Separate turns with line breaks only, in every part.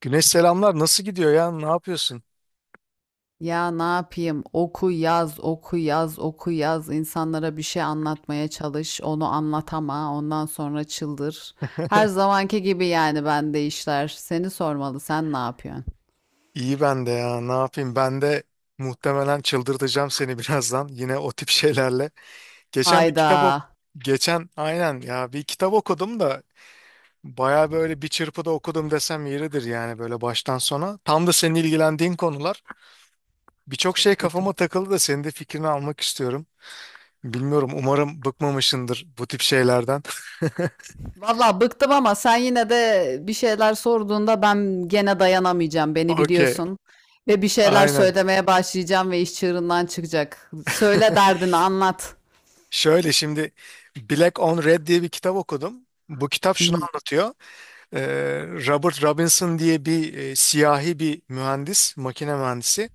Güneş selamlar. Nasıl gidiyor ya? Ne yapıyorsun?
Ya ne yapayım? Oku yaz, oku yaz, oku yaz. İnsanlara bir şey anlatmaya çalış. Onu anlatama. Ondan sonra çıldır. Her zamanki gibi yani bende işler. Seni sormalı. Sen ne yapıyorsun?
İyi ben de ya. Ne yapayım? Ben de muhtemelen çıldırtacağım seni birazdan. Yine o tip şeylerle. Geçen bir
Hayda.
kitap ok Geçen aynen ya bir kitap okudum da baya böyle bir çırpıda okudum desem yeridir yani böyle baştan sona. Tam da senin ilgilendiğin konular. Birçok şey
Çok kötü.
kafama takıldı da senin de fikrini almak istiyorum. Bilmiyorum, umarım bıkmamışsındır bu tip şeylerden.
Vallahi bıktım ama sen yine de bir şeyler sorduğunda ben gene dayanamayacağım. Beni
Okey.
biliyorsun. Ve bir şeyler
Aynen.
söylemeye başlayacağım ve iş çığırından çıkacak. Söyle derdini anlat.
Şöyle şimdi, Black on Red diye bir kitap okudum. Bu kitap
Hı
şunu
hı.
anlatıyor. Ee, Robert Robinson diye bir siyahi bir mühendis, makine mühendisi,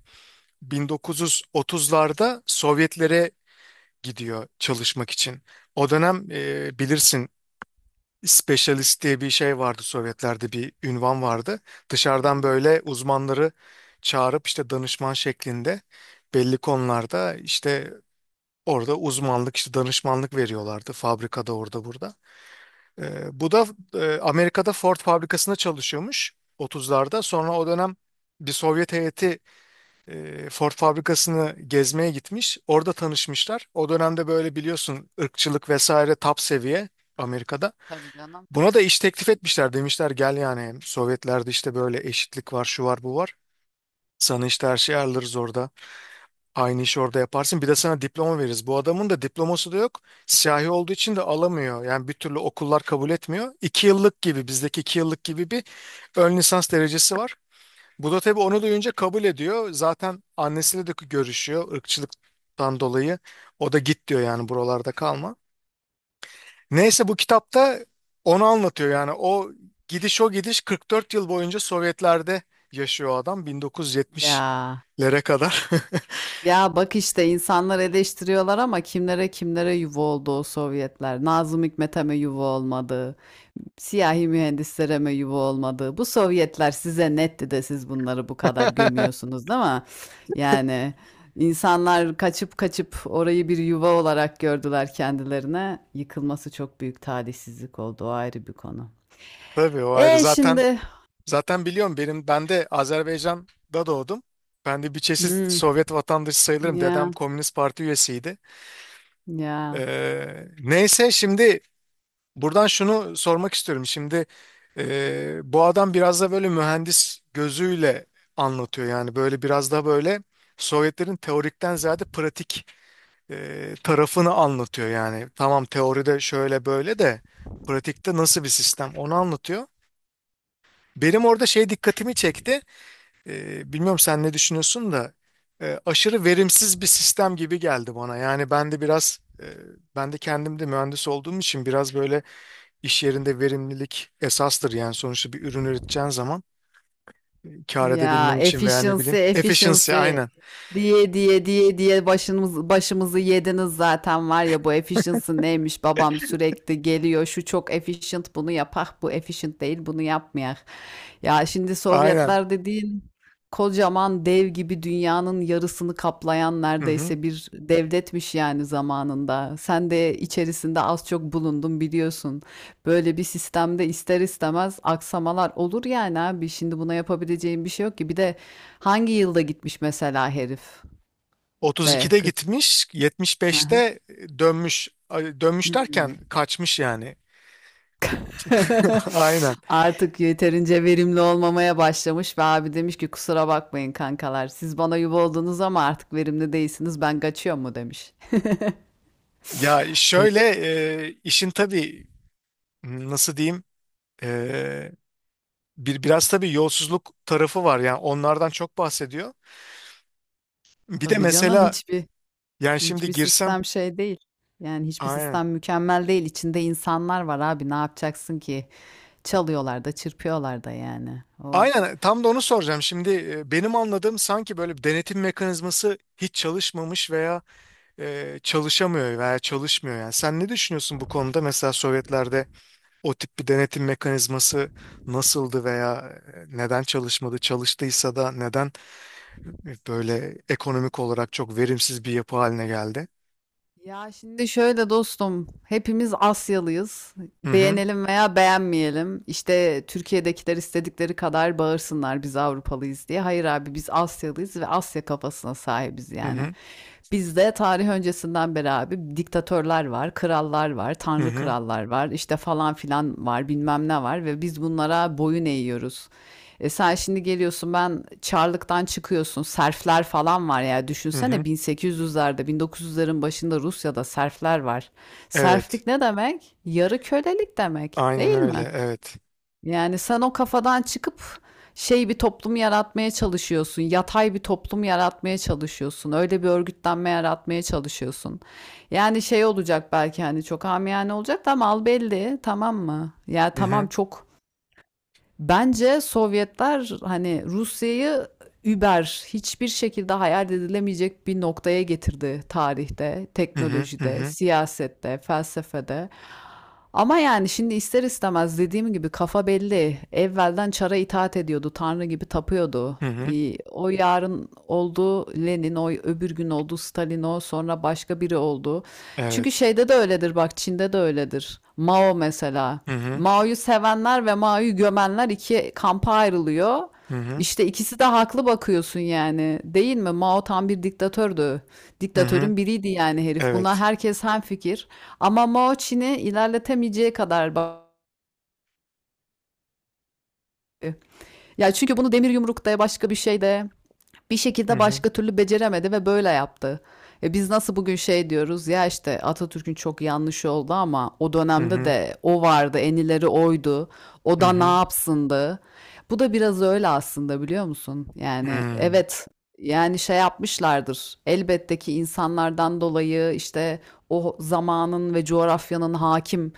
1930'larda Sovyetlere gidiyor çalışmak için. O dönem bilirsin, specialist diye bir şey vardı, Sovyetlerde bir ünvan vardı.
Hı
Dışarıdan
hı.
böyle uzmanları çağırıp işte danışman şeklinde belli konularda, işte orada uzmanlık, işte danışmanlık veriyorlardı fabrikada, orada burada. Bu da Amerika'da Ford fabrikasında çalışıyormuş 30'larda. Sonra o dönem bir Sovyet heyeti Ford fabrikasını gezmeye gitmiş. Orada tanışmışlar. O dönemde böyle, biliyorsun, ırkçılık vesaire top seviye Amerika'da.
Tabii canım.
Buna da iş teklif etmişler, demişler gel, yani Sovyetlerde işte böyle eşitlik var, şu var, bu var. Sana işte her şeyi ayarlarız orada. Aynı işi orada yaparsın. Bir de sana diploma veririz. Bu adamın da diploması da yok. Siyahi olduğu için de alamıyor. Yani bir türlü okullar kabul etmiyor. İki yıllık gibi, bizdeki iki yıllık gibi bir ön lisans derecesi var. Bu da tabii onu duyunca kabul ediyor. Zaten annesiyle de görüşüyor ırkçılıktan dolayı. O da git diyor yani, buralarda kalma. Neyse, bu kitapta onu anlatıyor yani. O gidiş o gidiş, 44 yıl boyunca Sovyetler'de yaşıyor adam,
Ya.
1970'lere kadar.
Ya bak işte insanlar eleştiriyorlar ama kimlere kimlere yuva oldu o Sovyetler. Nazım Hikmet'e mi yuva olmadı? Siyahi mühendislere mi yuva olmadı? Bu Sovyetler size netti de siz bunları bu kadar gömüyorsunuz, değil mi? Yani insanlar kaçıp kaçıp orayı bir yuva olarak gördüler kendilerine. Yıkılması çok büyük talihsizlik oldu. O ayrı bir konu.
Tabii o ayrı
E
zaten.
şimdi.
Zaten biliyorum, ben de Azerbaycan'da doğdum. Ben de bir çeşit
Hmm,
Sovyet vatandaşı sayılırım. Dedem
ya
Komünist Parti üyesiydi.
ya.
Neyse şimdi buradan şunu sormak istiyorum. Şimdi bu adam biraz da böyle mühendis gözüyle anlatıyor. Yani böyle biraz da böyle Sovyetlerin teorikten ziyade pratik tarafını anlatıyor. Yani tamam, teoride şöyle böyle de pratikte nasıl bir sistem, onu anlatıyor. Benim orada şey dikkatimi çekti. Bilmiyorum sen ne düşünüyorsun da aşırı verimsiz bir sistem gibi geldi bana. Yani ben de kendim de mühendis olduğum için, biraz böyle iş yerinde verimlilik esastır. Yani sonuçta bir ürün üreteceğin zaman kar
Ya
edebilmen için, veya ne
efficiency
bileyim, efficiency
efficiency
aynen.
diye diye diye diye başımızı yediniz zaten. Var ya, bu efficiency neymiş babam, sürekli geliyor şu çok efficient bunu yapak, bu efficient değil bunu yapmayak. Ya şimdi
Aynen.
Sovyetler dediğin kocaman dev gibi dünyanın yarısını kaplayan
Hı hı.
neredeyse bir devletmiş yani zamanında. Sen de içerisinde az çok bulundun, biliyorsun. Böyle bir sistemde ister istemez aksamalar olur yani abi. Şimdi buna yapabileceğim bir şey yok ki. Bir de hangi yılda gitmiş mesela herif, de
32'de
40.
gitmiş,
Hı hı.
75'te dönmüş. Ay, dönmüş
Hmm.
derken kaçmış yani. Aynen.
Artık yeterince verimli olmamaya başlamış ve abi demiş ki kusura bakmayın kankalar. Siz bana yuva oldunuz ama artık verimli değilsiniz. Ben kaçıyorum mu demiş.
Ya
Öyle.
şöyle, işin tabii nasıl diyeyim, biraz tabii yolsuzluk tarafı var yani, onlardan çok bahsediyor. Bir de
Tabii canım,
mesela,
hiçbir
yani şimdi
hiçbir
girsem,
sistem şey değil. Yani hiçbir
aynen.
sistem mükemmel değil. İçinde insanlar var abi. Ne yapacaksın ki? Çalıyorlar da çırpıyorlar da yani. O.
Aynen, tam da onu soracağım. Şimdi benim anladığım, sanki böyle bir denetim mekanizması hiç çalışmamış veya çalışamıyor veya çalışmıyor yani. Sen ne düşünüyorsun bu konuda? Mesela Sovyetlerde o tip bir denetim mekanizması nasıldı veya neden çalışmadı? Çalıştıysa da neden böyle ekonomik olarak çok verimsiz bir yapı haline geldi?
Ya şimdi şöyle dostum, hepimiz Asyalıyız.
Hı hı.
Beğenelim veya beğenmeyelim. İşte Türkiye'dekiler istedikleri kadar bağırsınlar biz Avrupalıyız diye. Hayır abi, biz Asyalıyız ve Asya kafasına sahibiz
Hı
yani.
hı.
Bizde tarih öncesinden beri abi diktatörler var, krallar var,
Hı
tanrı
hı.
krallar var, işte falan filan var, bilmem ne var ve biz bunlara boyun eğiyoruz. E sen şimdi geliyorsun, ben Çarlık'tan çıkıyorsun. Serfler falan var ya,
Hı
düşünsene
hı.
1800'lerde 1900'lerin başında Rusya'da serfler var.
Evet.
Serflik ne demek? Yarı kölelik demek
Aynen
değil
öyle.
mi?
Evet.
Yani sen o kafadan çıkıp şey bir toplum yaratmaya çalışıyorsun. Yatay bir toplum yaratmaya çalışıyorsun. Öyle bir örgütlenme yaratmaya çalışıyorsun. Yani şey olacak belki, hani çok amiyane olacak da mal belli, tamam mı? Ya
Hı
tamam
hı.
çok. Bence Sovyetler hani Rusya'yı über hiçbir şekilde hayal edilemeyecek bir noktaya getirdi tarihte,
Hı hı. Hı
teknolojide,
hı.
siyasette, felsefede. Ama yani şimdi ister istemez dediğim gibi kafa belli. Evvelden çara itaat ediyordu, tanrı gibi tapıyordu.
Hı hı.
O yarın oldu Lenin, o öbür gün oldu Stalin, o sonra başka biri oldu. Çünkü
Evet.
şeyde de öyledir, bak Çin'de de öyledir. Mao mesela.
Hı hı.
Mao'yu sevenler ve Mao'yu gömenler iki kampa ayrılıyor.
Hı hı.
İşte ikisi de haklı bakıyorsun yani. Değil mi? Mao tam bir diktatördü.
Hı hı.
Diktatörün biriydi yani herif. Buna
Evet.
herkes hemfikir. Ama Mao Çin'i ilerletemeyeceği kadar bakıyor. Ya çünkü bunu demir yumrukta başka bir şeyde bir
Hı
şekilde
hı.
başka türlü beceremedi ve böyle yaptı. E biz nasıl bugün şey diyoruz ya, işte Atatürk'ün çok yanlış oldu ama o
Hı
dönemde
hı.
de o vardı, en ileri oydu. O
Hı
da ne
hı.
yapsındı? Bu da biraz öyle aslında, biliyor musun? Yani
Hı.
evet, yani şey yapmışlardır. Elbette ki insanlardan dolayı, işte o zamanın ve coğrafyanın hakim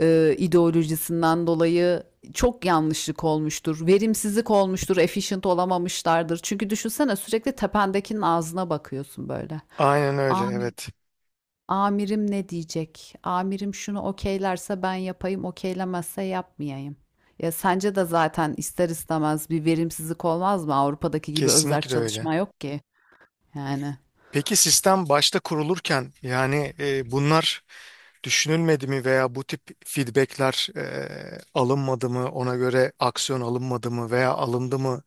ideolojisinden dolayı çok yanlışlık olmuştur. Verimsizlik olmuştur. Efficient olamamışlardır. Çünkü düşünsene, sürekli tependekinin ağzına bakıyorsun böyle.
Aynen öyle.
Ami-
Evet.
Amirim ne diyecek? Amirim şunu okeylerse ben yapayım, okeylemezse yapmayayım. Ya sence de zaten ister istemez bir verimsizlik olmaz mı? Avrupa'daki gibi özerk
Kesinlikle öyle.
çalışma yok ki. Yani.
Peki sistem başta kurulurken, yani bunlar düşünülmedi mi veya bu tip feedbackler alınmadı mı? Ona göre aksiyon alınmadı mı veya alındı mı?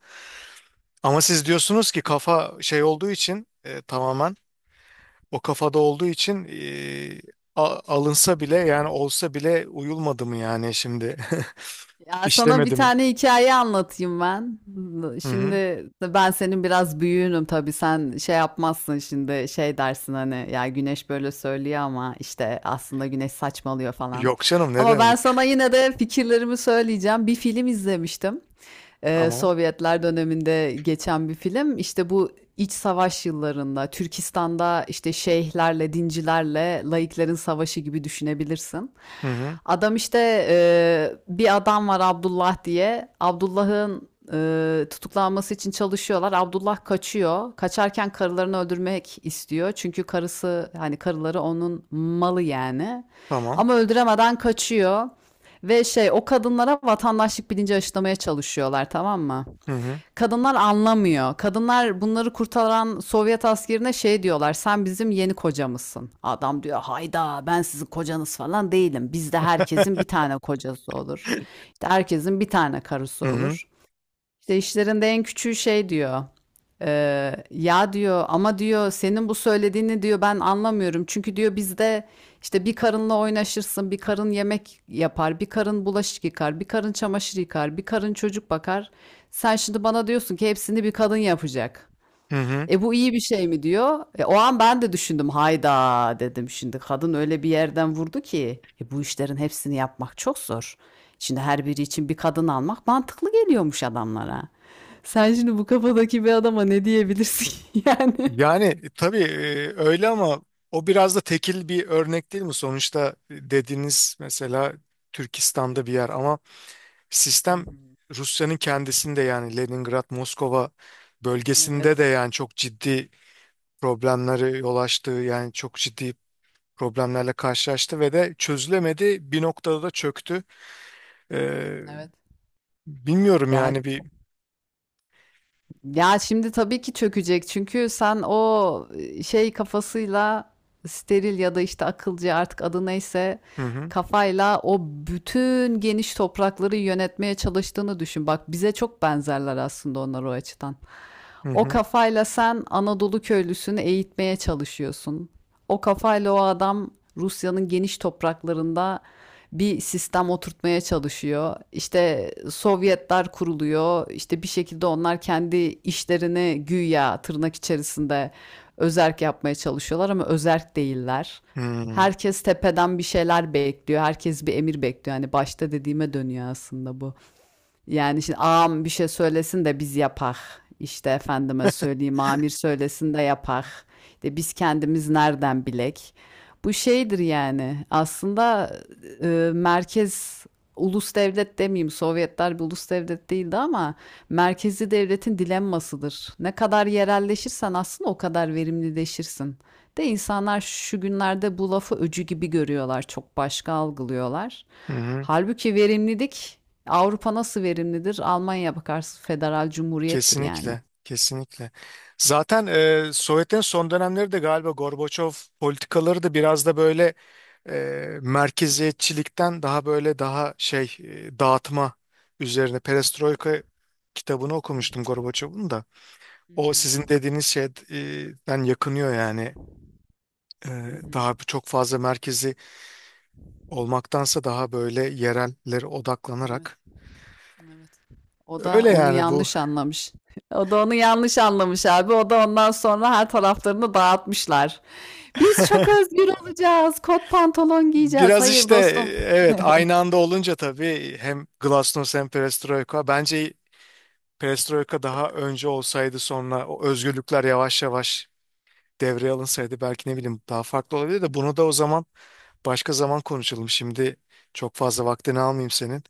Ama siz diyorsunuz ki kafa şey olduğu için, tamamen o kafada olduğu için, alınsa bile, yani olsa bile uyulmadı mı, yani şimdi
Ya sana bir
işlemedi mi?
tane hikaye anlatayım ben.
Hı hı.
Şimdi ben senin biraz büyüğünüm tabii, sen şey yapmazsın şimdi, şey dersin hani ya Güneş böyle söylüyor ama işte aslında Güneş saçmalıyor falan.
Yok canım, ne
Ama ben
demek?
sana yine de fikirlerimi söyleyeceğim. Bir film izlemiştim,
Tamam.
Sovyetler döneminde geçen bir film. İşte bu iç savaş yıllarında Türkistan'da işte şeyhlerle, dincilerle laiklerin savaşı gibi düşünebilirsin.
Hı hı.
Adam işte bir adam var Abdullah diye. Abdullah'ın tutuklanması için çalışıyorlar. Abdullah kaçıyor. Kaçarken karılarını öldürmek istiyor. Çünkü karısı, hani karıları onun malı yani.
Tamam.
Ama öldüremeden kaçıyor. Ve şey, o kadınlara vatandaşlık bilinci aşılamaya çalışıyorlar, tamam mı?
Hı hı.
Kadınlar anlamıyor. Kadınlar bunları kurtaran Sovyet askerine şey diyorlar. Sen bizim yeni kocamızsın. Adam diyor hayda, ben sizin kocanız falan değilim. Bizde herkesin bir tane kocası olur. İşte herkesin bir tane karısı
Hı hı.
olur. İşte işlerinde en küçüğü şey diyor. Ya diyor ama diyor, senin bu söylediğini diyor ben anlamıyorum. Çünkü diyor bizde işte bir karınla oynaşırsın, bir karın yemek yapar, bir karın bulaşık yıkar, bir karın çamaşır yıkar, bir karın çocuk bakar. Sen şimdi bana diyorsun ki hepsini bir kadın yapacak.
Hı hı.
E, bu iyi bir şey mi diyor. E, o an ben de düşündüm. Hayda dedim, şimdi kadın öyle bir yerden vurdu ki bu işlerin hepsini yapmak çok zor. Şimdi her biri için bir kadın almak mantıklı geliyormuş adamlara. Sen şimdi bu kafadaki bir adama ne diyebilirsin yani?
Yani tabii öyle, ama o biraz da tekil bir örnek değil mi? Sonuçta dediğiniz mesela Türkistan'da bir yer, ama
Hı
sistem
hı.
Rusya'nın kendisinde, yani Leningrad, Moskova bölgesinde de
Evet.
yani çok ciddi problemleri yol açtı. Yani çok ciddi problemlerle karşılaştı ve de çözülemedi. Bir noktada da çöktü. Ee,
Evet.
bilmiyorum
Ya,
yani bir
ya şimdi tabii ki çökecek çünkü sen o şey kafasıyla steril ya da işte akılcı, artık adı neyse,
hı hı
kafayla o bütün geniş toprakları yönetmeye çalıştığını düşün. Bak bize çok benzerler aslında onlar o açıdan.
hı
O
hı
kafayla sen Anadolu köylüsünü eğitmeye çalışıyorsun. O kafayla o adam Rusya'nın geniş topraklarında bir sistem oturtmaya çalışıyor. İşte Sovyetler kuruluyor. İşte bir şekilde onlar kendi işlerini güya tırnak içerisinde özerk yapmaya çalışıyorlar ama özerk değiller.
hı
Herkes tepeden bir şeyler bekliyor. Herkes bir emir bekliyor. Hani başta dediğime dönüyor aslında bu. Yani şimdi ağam bir şey söylesin de biz yapak. İşte efendime söyleyeyim, amir söylesin de yapak. İşte biz kendimiz nereden bilek? Bu şeydir yani aslında, e, merkez, ulus devlet demeyeyim, Sovyetler bir ulus devlet değildi ama merkezi devletin dilemmasıdır. Ne kadar yerelleşirsen aslında o kadar verimlileşirsin. De insanlar şu günlerde bu lafı öcü gibi görüyorlar, çok başka algılıyorlar.
hı. Hı.
Halbuki verimlilik. Avrupa nasıl verimlidir? Almanya bakarsın federal cumhuriyettir yani.
Kesinlikle. Kesinlikle. Zaten Sovyetlerin son dönemleri de, galiba Gorbaçov politikaları da biraz da böyle merkeziyetçilikten daha böyle, daha şey, dağıtma üzerine. Perestroika kitabını
Hı
okumuştum
hı,
Gorbaçov'un da. O sizin dediğiniz şeyden yakınıyor yani.
hı hı,
Ee,
hı hı.
çok fazla merkezi olmaktansa daha böyle yerellere
Evet,
odaklanarak.
evet. O da
Öyle
onu
yani bu.
yanlış anlamış. O da onu yanlış anlamış abi. O da ondan sonra her taraflarını dağıtmışlar. Biz çok özgür olacağız. Kot pantolon giyeceğiz.
Biraz
Hayır
işte
dostum.
evet, aynı anda olunca tabii hem Glasnost hem Perestroika. Bence Perestroika daha önce olsaydı, sonra o özgürlükler yavaş yavaş devreye alınsaydı belki, ne bileyim, daha farklı olabilir de bunu da o zaman, başka zaman konuşalım. Şimdi çok fazla vaktini almayayım senin.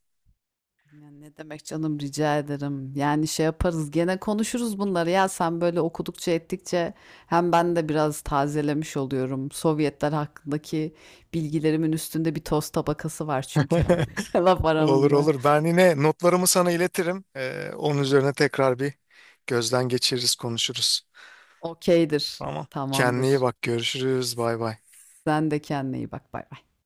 Ya ne demek canım, rica ederim. Yani şey yaparız, gene konuşuruz bunları, ya sen böyle okudukça ettikçe hem ben de biraz tazelemiş oluyorum. Sovyetler hakkındaki bilgilerimin üstünde bir toz tabakası var çünkü. Laf
Olur
aramızda.
olur. Ben yine notlarımı sana iletirim. Onun üzerine tekrar bir gözden geçiririz, konuşuruz.
Okeydir.
Tamam. Kendine iyi
Tamamdır.
bak. Görüşürüz. Bay bay.
Sen de kendine iyi bak. Bay bay.